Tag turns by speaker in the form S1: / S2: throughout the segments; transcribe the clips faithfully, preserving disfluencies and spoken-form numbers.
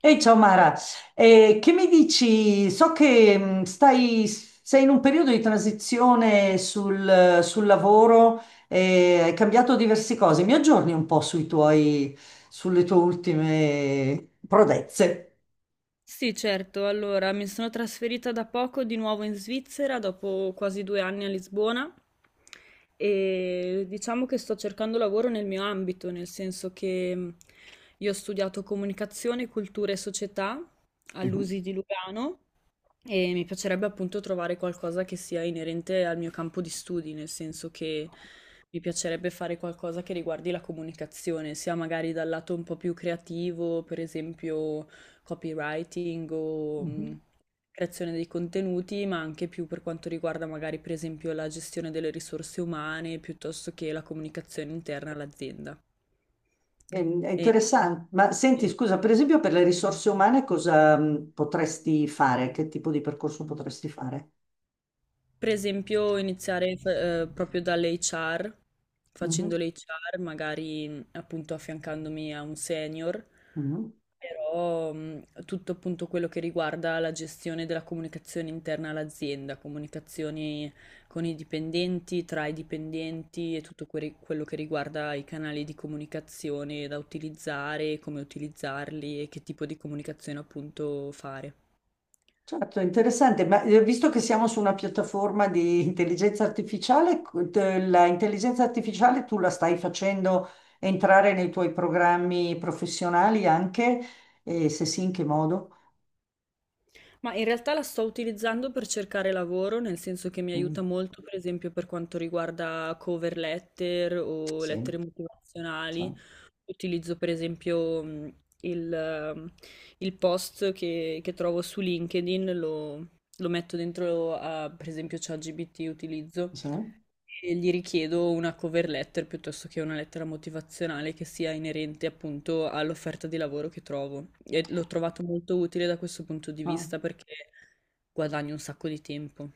S1: Ehi, ciao Mara. Eh, che mi dici? So che, mh, stai, sei in un periodo di transizione sul, sul lavoro. Eh, hai cambiato diverse cose. Mi aggiorni un po' sui tuoi, sulle tue ultime prodezze.
S2: Sì, certo. Allora, mi sono trasferita da poco di nuovo in Svizzera, dopo quasi due anni a Lisbona, e diciamo che sto cercando lavoro nel mio ambito, nel senso che mh, io ho studiato comunicazione, cultura e società
S1: Mhm.
S2: all'U S I di Lugano e mi piacerebbe appunto trovare qualcosa che sia inerente al mio campo di studi, nel senso che mi piacerebbe fare qualcosa che riguardi la comunicazione, sia magari dal lato un po' più creativo, per esempio copywriting o mh,
S1: Mhm.
S2: creazione dei contenuti, ma anche più per quanto riguarda magari per esempio la gestione delle risorse umane, piuttosto che la comunicazione interna all'azienda.
S1: È, è interessante. Ma senti,
S2: E-
S1: scusa, per esempio per le risorse umane cosa mh, potresti fare? Che tipo di percorso potresti fare?
S2: Per esempio, iniziare f- eh, proprio dall'acca erre, facendo
S1: Mhm.
S2: l'acca erre, magari mh, appunto affiancandomi a un senior,
S1: Mhm.
S2: però mh, tutto appunto quello che riguarda la gestione della comunicazione interna all'azienda, comunicazioni con i dipendenti, tra i dipendenti e tutto que- quello che riguarda i canali di comunicazione da utilizzare, come utilizzarli e che tipo di comunicazione appunto fare.
S1: Certo, interessante, ma eh, visto che siamo su una piattaforma di intelligenza artificiale, co- te- la intelligenza artificiale tu la stai facendo entrare nei tuoi programmi professionali anche? E se sì, in che modo?
S2: Ma in realtà la sto utilizzando per cercare lavoro, nel senso che mi
S1: Mm,
S2: aiuta molto, per esempio, per quanto riguarda cover letter o
S1: sì,
S2: lettere
S1: sì,
S2: motivazionali. Utilizzo, per esempio, mh, il, ehm, il post che, che trovo su LinkedIn, lo, lo metto dentro a, per esempio, ChatGPT utilizzo
S1: sì,
S2: e gli richiedo una cover letter piuttosto che una lettera motivazionale che sia inerente appunto all'offerta di lavoro che trovo. E l'ho trovato molto utile da questo punto di
S1: no.
S2: vista perché guadagno un sacco di tempo.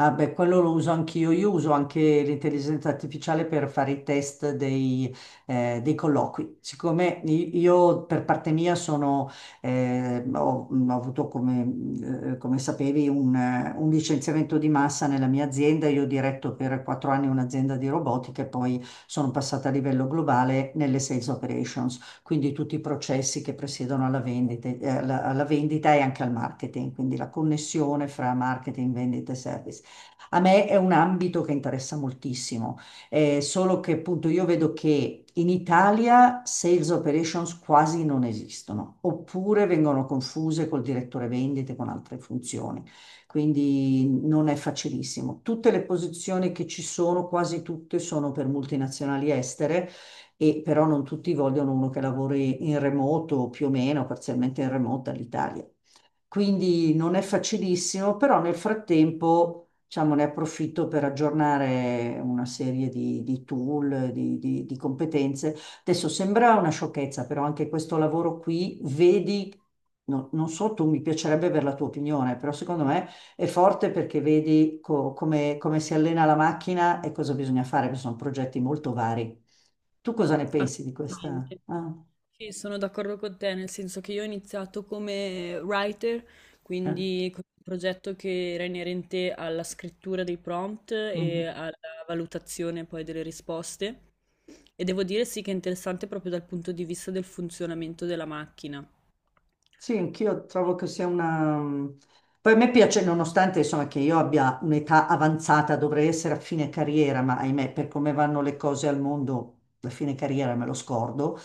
S1: Ah, beh, quello lo uso anch'io. Io uso anche l'intelligenza artificiale per fare i test dei, eh, dei colloqui. Siccome i- io per parte mia sono, eh, ho, ho avuto, come, eh, come sapevi, un, eh, un licenziamento di massa nella mia azienda. Io ho diretto per quattro anni un'azienda di robotica e poi sono passata a livello globale nelle sales operations, quindi tutti i processi che presiedono alla vendita, eh, alla alla vendita e anche al marketing, quindi la connessione fra marketing, vendita e service. A me è un ambito che interessa moltissimo, eh, solo che appunto io vedo che in Italia sales operations quasi non esistono, oppure vengono confuse col direttore vendite con altre funzioni, quindi non è facilissimo. Tutte le posizioni che ci sono, quasi tutte, sono per multinazionali estere e però non tutti vogliono uno che lavori in remoto, o più o meno, parzialmente in remoto dall'Italia. Quindi non è facilissimo, però nel frattempo, diciamo, ne approfitto per aggiornare una serie di, di tool, di, di- di competenze. Adesso sembra una sciocchezza, però anche questo lavoro qui, vedi, no- non so, tu mi piacerebbe avere la tua opinione, però secondo me è forte perché vedi co- come, come si allena la macchina e cosa bisogna fare, perché sono progetti molto vari. Tu cosa ne pensi di questa?
S2: Assolutamente.
S1: Ah,
S2: Sì, sono d'accordo con te, nel senso che io ho iniziato come writer,
S1: eh,
S2: quindi con un progetto che era inerente alla scrittura dei prompt e
S1: mhm.
S2: alla valutazione poi delle risposte. E devo dire sì che è interessante proprio dal punto di vista del funzionamento della macchina.
S1: Sì, anch'io trovo che sia una. mhmm, Poi a me piace, nonostante insomma che io abbia un'età avanzata, dovrei essere a fine carriera, ma ahimè, per come vanno le cose al mondo, la fine carriera me lo scordo.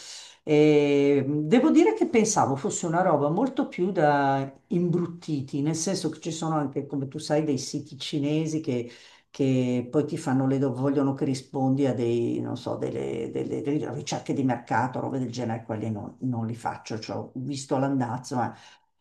S1: E devo dire che pensavo fosse una roba molto più da imbruttiti, nel senso che ci sono anche, come tu sai, dei siti cinesi che che poi ti fanno le, do- vogliono che rispondi a dei, non so, delle, delle- delle ricerche di mercato, robe del genere, quelli non, non li faccio, cioè, ho visto l'andazzo, ma.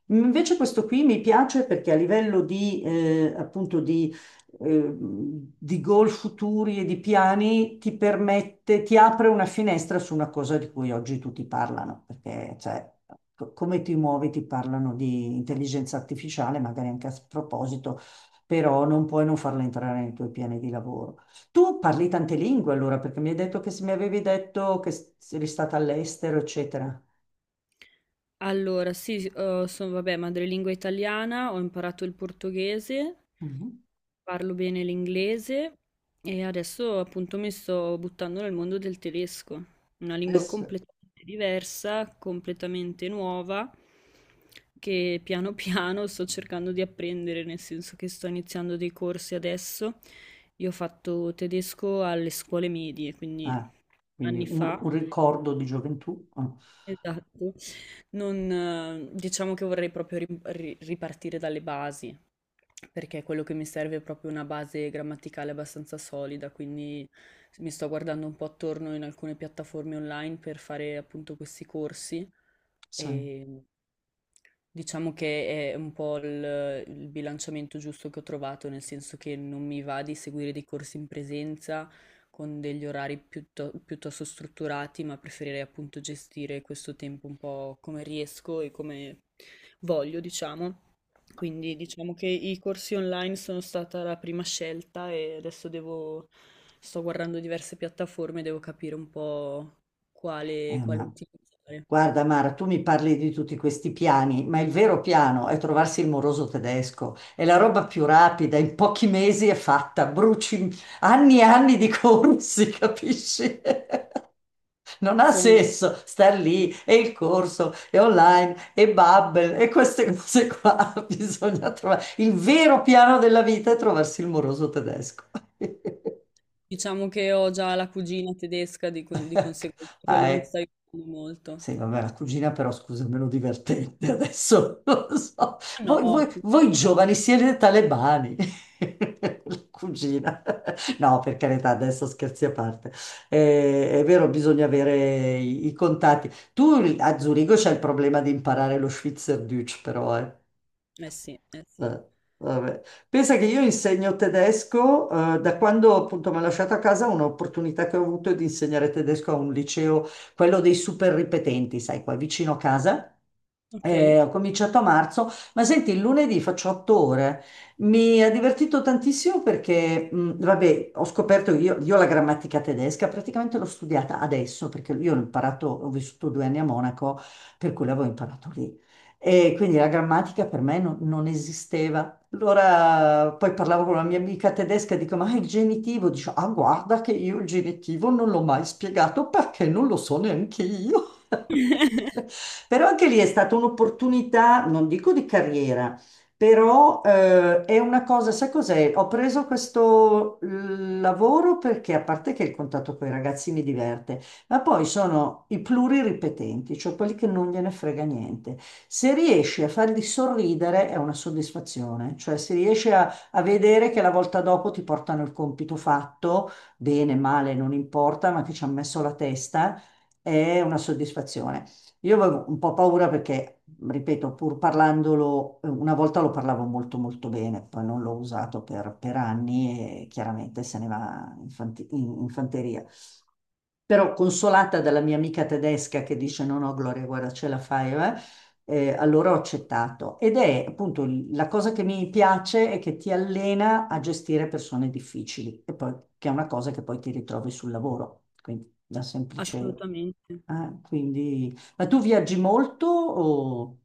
S1: Invece questo qui mi piace perché a livello di, eh, appunto di, eh, di goal futuri e di piani ti permette, ti apre una finestra su una cosa di cui oggi tutti parlano, perché cioè, co- come ti muovi ti parlano di intelligenza artificiale, magari anche a proposito però non puoi non farla entrare nei tuoi piani di lavoro. Tu parli tante lingue allora, perché mi hai detto che se mi avevi detto che s- eri stata all'estero, eccetera.
S2: Allora, sì, s uhm, sono vabbè, madrelingua italiana, ho imparato il portoghese,
S1: Mhm.
S2: parlo bene l'inglese e adesso appunto mi sto buttando nel mondo del tedesco, una lingua
S1: Adesso-
S2: completamente diversa, completamente nuova, che piano piano sto cercando di apprendere, nel senso che sto iniziando dei corsi adesso. Io ho fatto tedesco alle scuole medie, quindi
S1: ah, quindi
S2: anni
S1: un,
S2: fa,
S1: un ricordo di gioventù. Ah,
S2: esatto. Non, eh, diciamo che vorrei proprio ri- ri- ripartire dalle basi, perché quello che mi serve è proprio una base grammaticale abbastanza solida, quindi mi sto guardando un po' attorno in alcune piattaforme online per fare appunto questi corsi
S1: sì.
S2: e diciamo che è un po' il, il bilanciamento giusto che ho trovato, nel senso che non mi va di seguire dei corsi in presenza con degli orari piutto- piuttosto strutturati, ma preferirei appunto gestire questo tempo un po' come riesco e come voglio, diciamo. Quindi diciamo che i corsi online sono stata la prima scelta e adesso devo, sto guardando diverse piattaforme, devo capire un po'
S1: Eh,
S2: quale, quale
S1: ma-
S2: utilizzare.
S1: Guarda Mara, tu mi parli di tutti questi piani, ma il vero piano è trovarsi il moroso tedesco. È la roba più rapida, in pochi mesi è fatta, bruci anni e anni di corsi, capisci? Non ha senso star lì e il corso e online e Babbel e queste cose qua. Bisogna trovare il vero piano della vita è trovarsi il moroso tedesco.
S2: Diciamo che ho già la cugina tedesca, di, cui- di
S1: Ecco.
S2: conseguenza
S1: Ah,
S2: quello mi
S1: ecco.
S2: sta aiutando molto.
S1: Sì, vabbè, la cugina però, scusa, è meno divertente adesso, non lo so.
S2: Ah no,
S1: Voi, voi-
S2: ci
S1: voi
S2: scherziamo.
S1: giovani siete talebani. La cugina. No, per carità, adesso scherzi a parte. Eh, è vero, bisogna avere i, i contatti. Tu a Zurigo c'è il problema di imparare lo Schweizerdeutsch, però, eh.
S2: Eh sì, eh sì.
S1: Eh, vabbè. Pensa che io insegno tedesco, eh, da quando appunto mi ha lasciato a casa, un'opportunità che ho avuto è di insegnare tedesco a un liceo, quello dei super ripetenti, sai, qua vicino a casa.
S2: Ok.
S1: Eh, ho cominciato a marzo, ma senti, il lunedì faccio otto ore. Mi ha divertito tantissimo perché, mh, vabbè, ho scoperto io, io, la grammatica tedesca praticamente l'ho studiata adesso perché io l'ho imparato, ho vissuto due anni a Monaco, per cui l'avevo imparato lì. E quindi la grammatica per me non, non esisteva. Allora poi parlavo con una mia amica tedesca e dico, ma il genitivo? Dice, ah, guarda che io il genitivo non l'ho mai spiegato perché non lo so neanche io. Però anche lì è stata un'opportunità, non dico di carriera, però eh, è una cosa, sai cos'è? Ho preso questo eh, lavoro perché a parte che il contatto con i ragazzi mi diverte, ma poi sono i pluriripetenti, cioè quelli che non gliene frega niente. Se riesci a farli sorridere è una soddisfazione, cioè se riesci a, a vedere che la volta dopo ti portano il compito fatto, bene, male, non importa, ma che ci hanno messo la testa, è una soddisfazione. Io avevo un po' paura perché, ripeto, pur parlandolo, eh, una volta lo parlavo molto molto bene, poi non l'ho usato per, per anni e chiaramente se ne va in fanti- in- in fanteria. Però consolata dalla mia amica tedesca che dice no, no, Gloria, guarda, ce la fai, eh, eh, allora ho accettato. Ed è appunto il- la cosa che mi piace è che ti allena a gestire persone difficili, e poi, che è una cosa che poi ti ritrovi sul lavoro. Quindi da semplice.
S2: Assolutamente.
S1: Ah, quindi. Ma tu viaggi molto o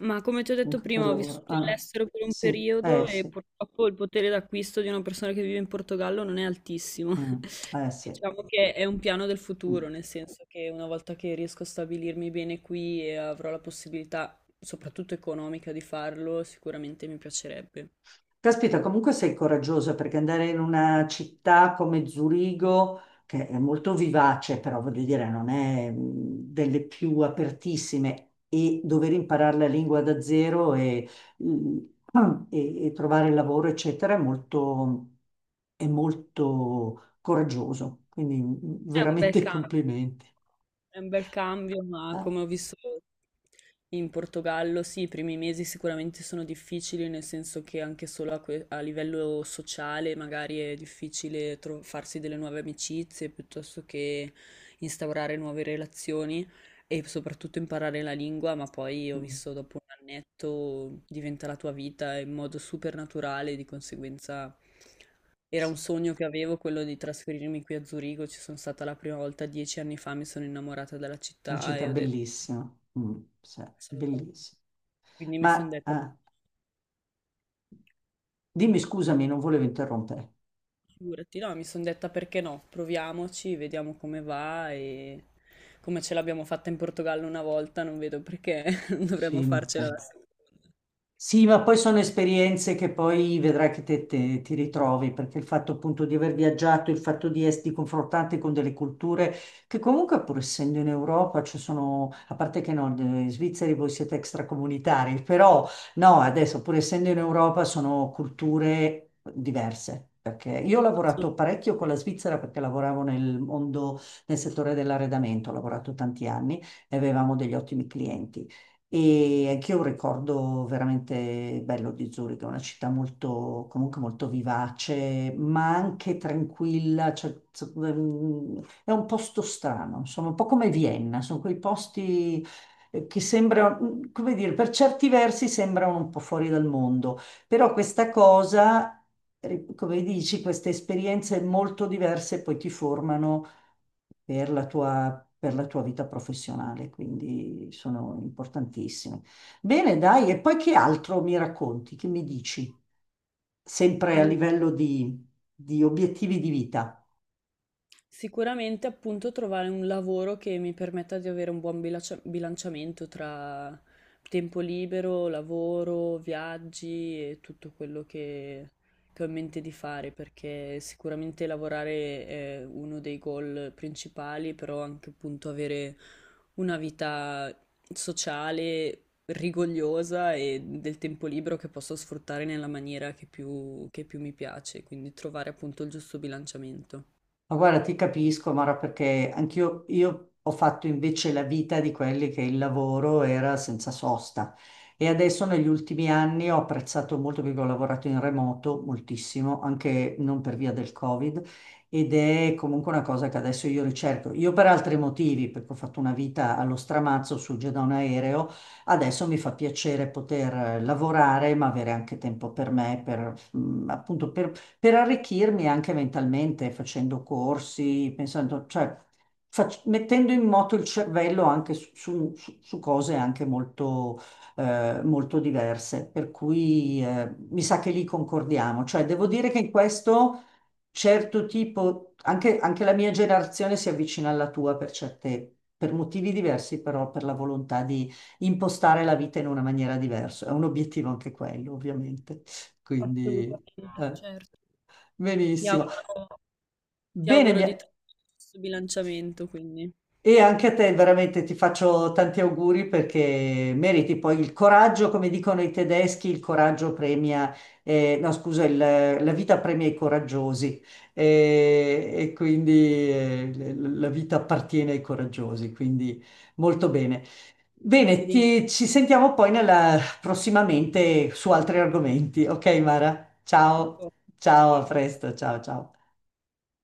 S2: Ma come ti ho detto
S1: anche per
S2: prima, ho
S1: lavoro?
S2: vissuto
S1: Ah,
S2: all'estero per un
S1: sì, eh
S2: periodo e
S1: sì.
S2: purtroppo il potere d'acquisto di una persona che vive in Portogallo non è altissimo.
S1: Mm, eh sì.
S2: Diciamo che è un piano del
S1: Mm.
S2: futuro, nel senso che una volta che riesco a stabilirmi bene qui e avrò la possibilità, soprattutto economica, di farlo, sicuramente mi piacerebbe.
S1: Caspita, comunque sei coraggiosa perché andare in una città come Zurigo, che è molto vivace, però voglio dire, non è mh, delle più apertissime, e dover imparare la lingua da zero e, mh, e- e trovare lavoro, eccetera, è molto, è molto coraggioso. Quindi mh,
S2: È un bel
S1: veramente
S2: cambio,
S1: complimenti.
S2: è un bel cambio, ma
S1: Eh?
S2: come ho visto in Portogallo, sì, i primi mesi sicuramente sono difficili, nel senso che anche solo a, que- a livello sociale magari è difficile tro- farsi delle nuove amicizie piuttosto che instaurare nuove relazioni e soprattutto imparare la lingua, ma poi ho
S1: Mm,
S2: visto dopo un annetto diventa la tua vita in modo super naturale, di conseguenza. Era
S1: sì.
S2: un sogno che avevo quello di trasferirmi qui a Zurigo, ci sono stata la prima volta dieci anni fa, mi sono innamorata della
S1: Una
S2: città
S1: città
S2: e ho detto
S1: bellissima. Mm, sì,
S2: assolutamente.
S1: bellissima.
S2: Quindi mi sono
S1: Ma,
S2: detta,
S1: ah, dimmi scusami, non volevo interrompere.
S2: figurati, no, mi sono detta perché no, proviamoci, vediamo come va e come ce l'abbiamo fatta in Portogallo una volta, non vedo perché non dovremmo
S1: Sì, ma
S2: farcela la
S1: appunto.
S2: seconda.
S1: Sì, ma poi sono esperienze che poi vedrai che te, te- ti ritrovi, perché il fatto appunto di aver viaggiato, il fatto di esserti confrontanti con delle culture che comunque pur essendo in Europa, ci sono, a parte che no, in Svizzera voi siete extracomunitari, però no, adesso pur essendo in Europa sono culture diverse. Perché io ho lavorato
S2: Assolutamente.
S1: parecchio con la Svizzera perché lavoravo nel mondo, nel settore dell'arredamento, ho lavorato tanti anni e avevamo degli ottimi clienti. E anch'io ho un ricordo veramente bello di Zurigo, è una città molto, comunque molto vivace, ma anche tranquilla, cioè, z- mm, è un posto strano, insomma, un po' come Vienna, sono quei posti eh, che sembrano, mm, come dire, per certi versi sembrano un po' fuori dal mondo, però questa cosa, ri- come dici, queste esperienze molto diverse poi ti formano per la tua, per la tua vita professionale, quindi sono importantissime. Bene, dai, e poi che altro mi racconti? Che mi dici? Sempre a livello di, di obiettivi di vita.
S2: Sicuramente appunto trovare un lavoro che mi permetta di avere un buon bilancia- bilanciamento tra tempo libero, lavoro, viaggi e tutto quello che, che ho in mente di fare, perché sicuramente lavorare è uno dei goal principali, però anche appunto avere una vita sociale, rigogliosa e del tempo libero che posso sfruttare nella maniera che più che più mi piace, quindi trovare appunto il giusto bilanciamento.
S1: Ma guarda, ti capisco, Mara, perché anch'io io ho fatto invece la vita di quelli che il lavoro era senza sosta. E adesso negli ultimi anni ho apprezzato molto perché ho lavorato in remoto moltissimo, anche non per via del Covid, ed è comunque una cosa che adesso io ricerco. Io per altri motivi, perché ho fatto una vita allo stramazzo su giù da un aereo, adesso mi fa piacere poter eh, lavorare, ma avere anche tempo per me, per, mm, appunto per arricchirmi anche mentalmente, facendo corsi, pensando, cioè fac- mettendo in moto il cervello anche su, su- su- su cose anche molto, eh, molto diverse. Per cui eh, mi sa che lì concordiamo. Cioè, devo dire che in questo certo tipo, anche, anche la mia generazione si avvicina alla tua per certe, per motivi diversi, però per la volontà di impostare la vita in una maniera diversa. È un obiettivo anche quello, ovviamente. Quindi,
S2: Assolutamente,
S1: eh.
S2: certo. Ti
S1: Benissimo.
S2: auguro, ti
S1: Bene,
S2: auguro di
S1: mia-
S2: trovare il giusto bilanciamento, quindi
S1: e anche a te veramente ti faccio tanti auguri perché meriti poi il coraggio, come dicono i tedeschi, il coraggio premia, eh, no scusa, il- la vita premia i coraggiosi. Eh, e, quindi eh, l- la vita appartiene ai coraggiosi, quindi molto bene.
S2: ti
S1: Bene,
S2: ringrazio
S1: ti- ci sentiamo poi nella- prossimamente su altri argomenti, ok Mara? Ciao,
S2: ancora.
S1: ciao, a
S2: Ciao.
S1: presto, ciao, ciao.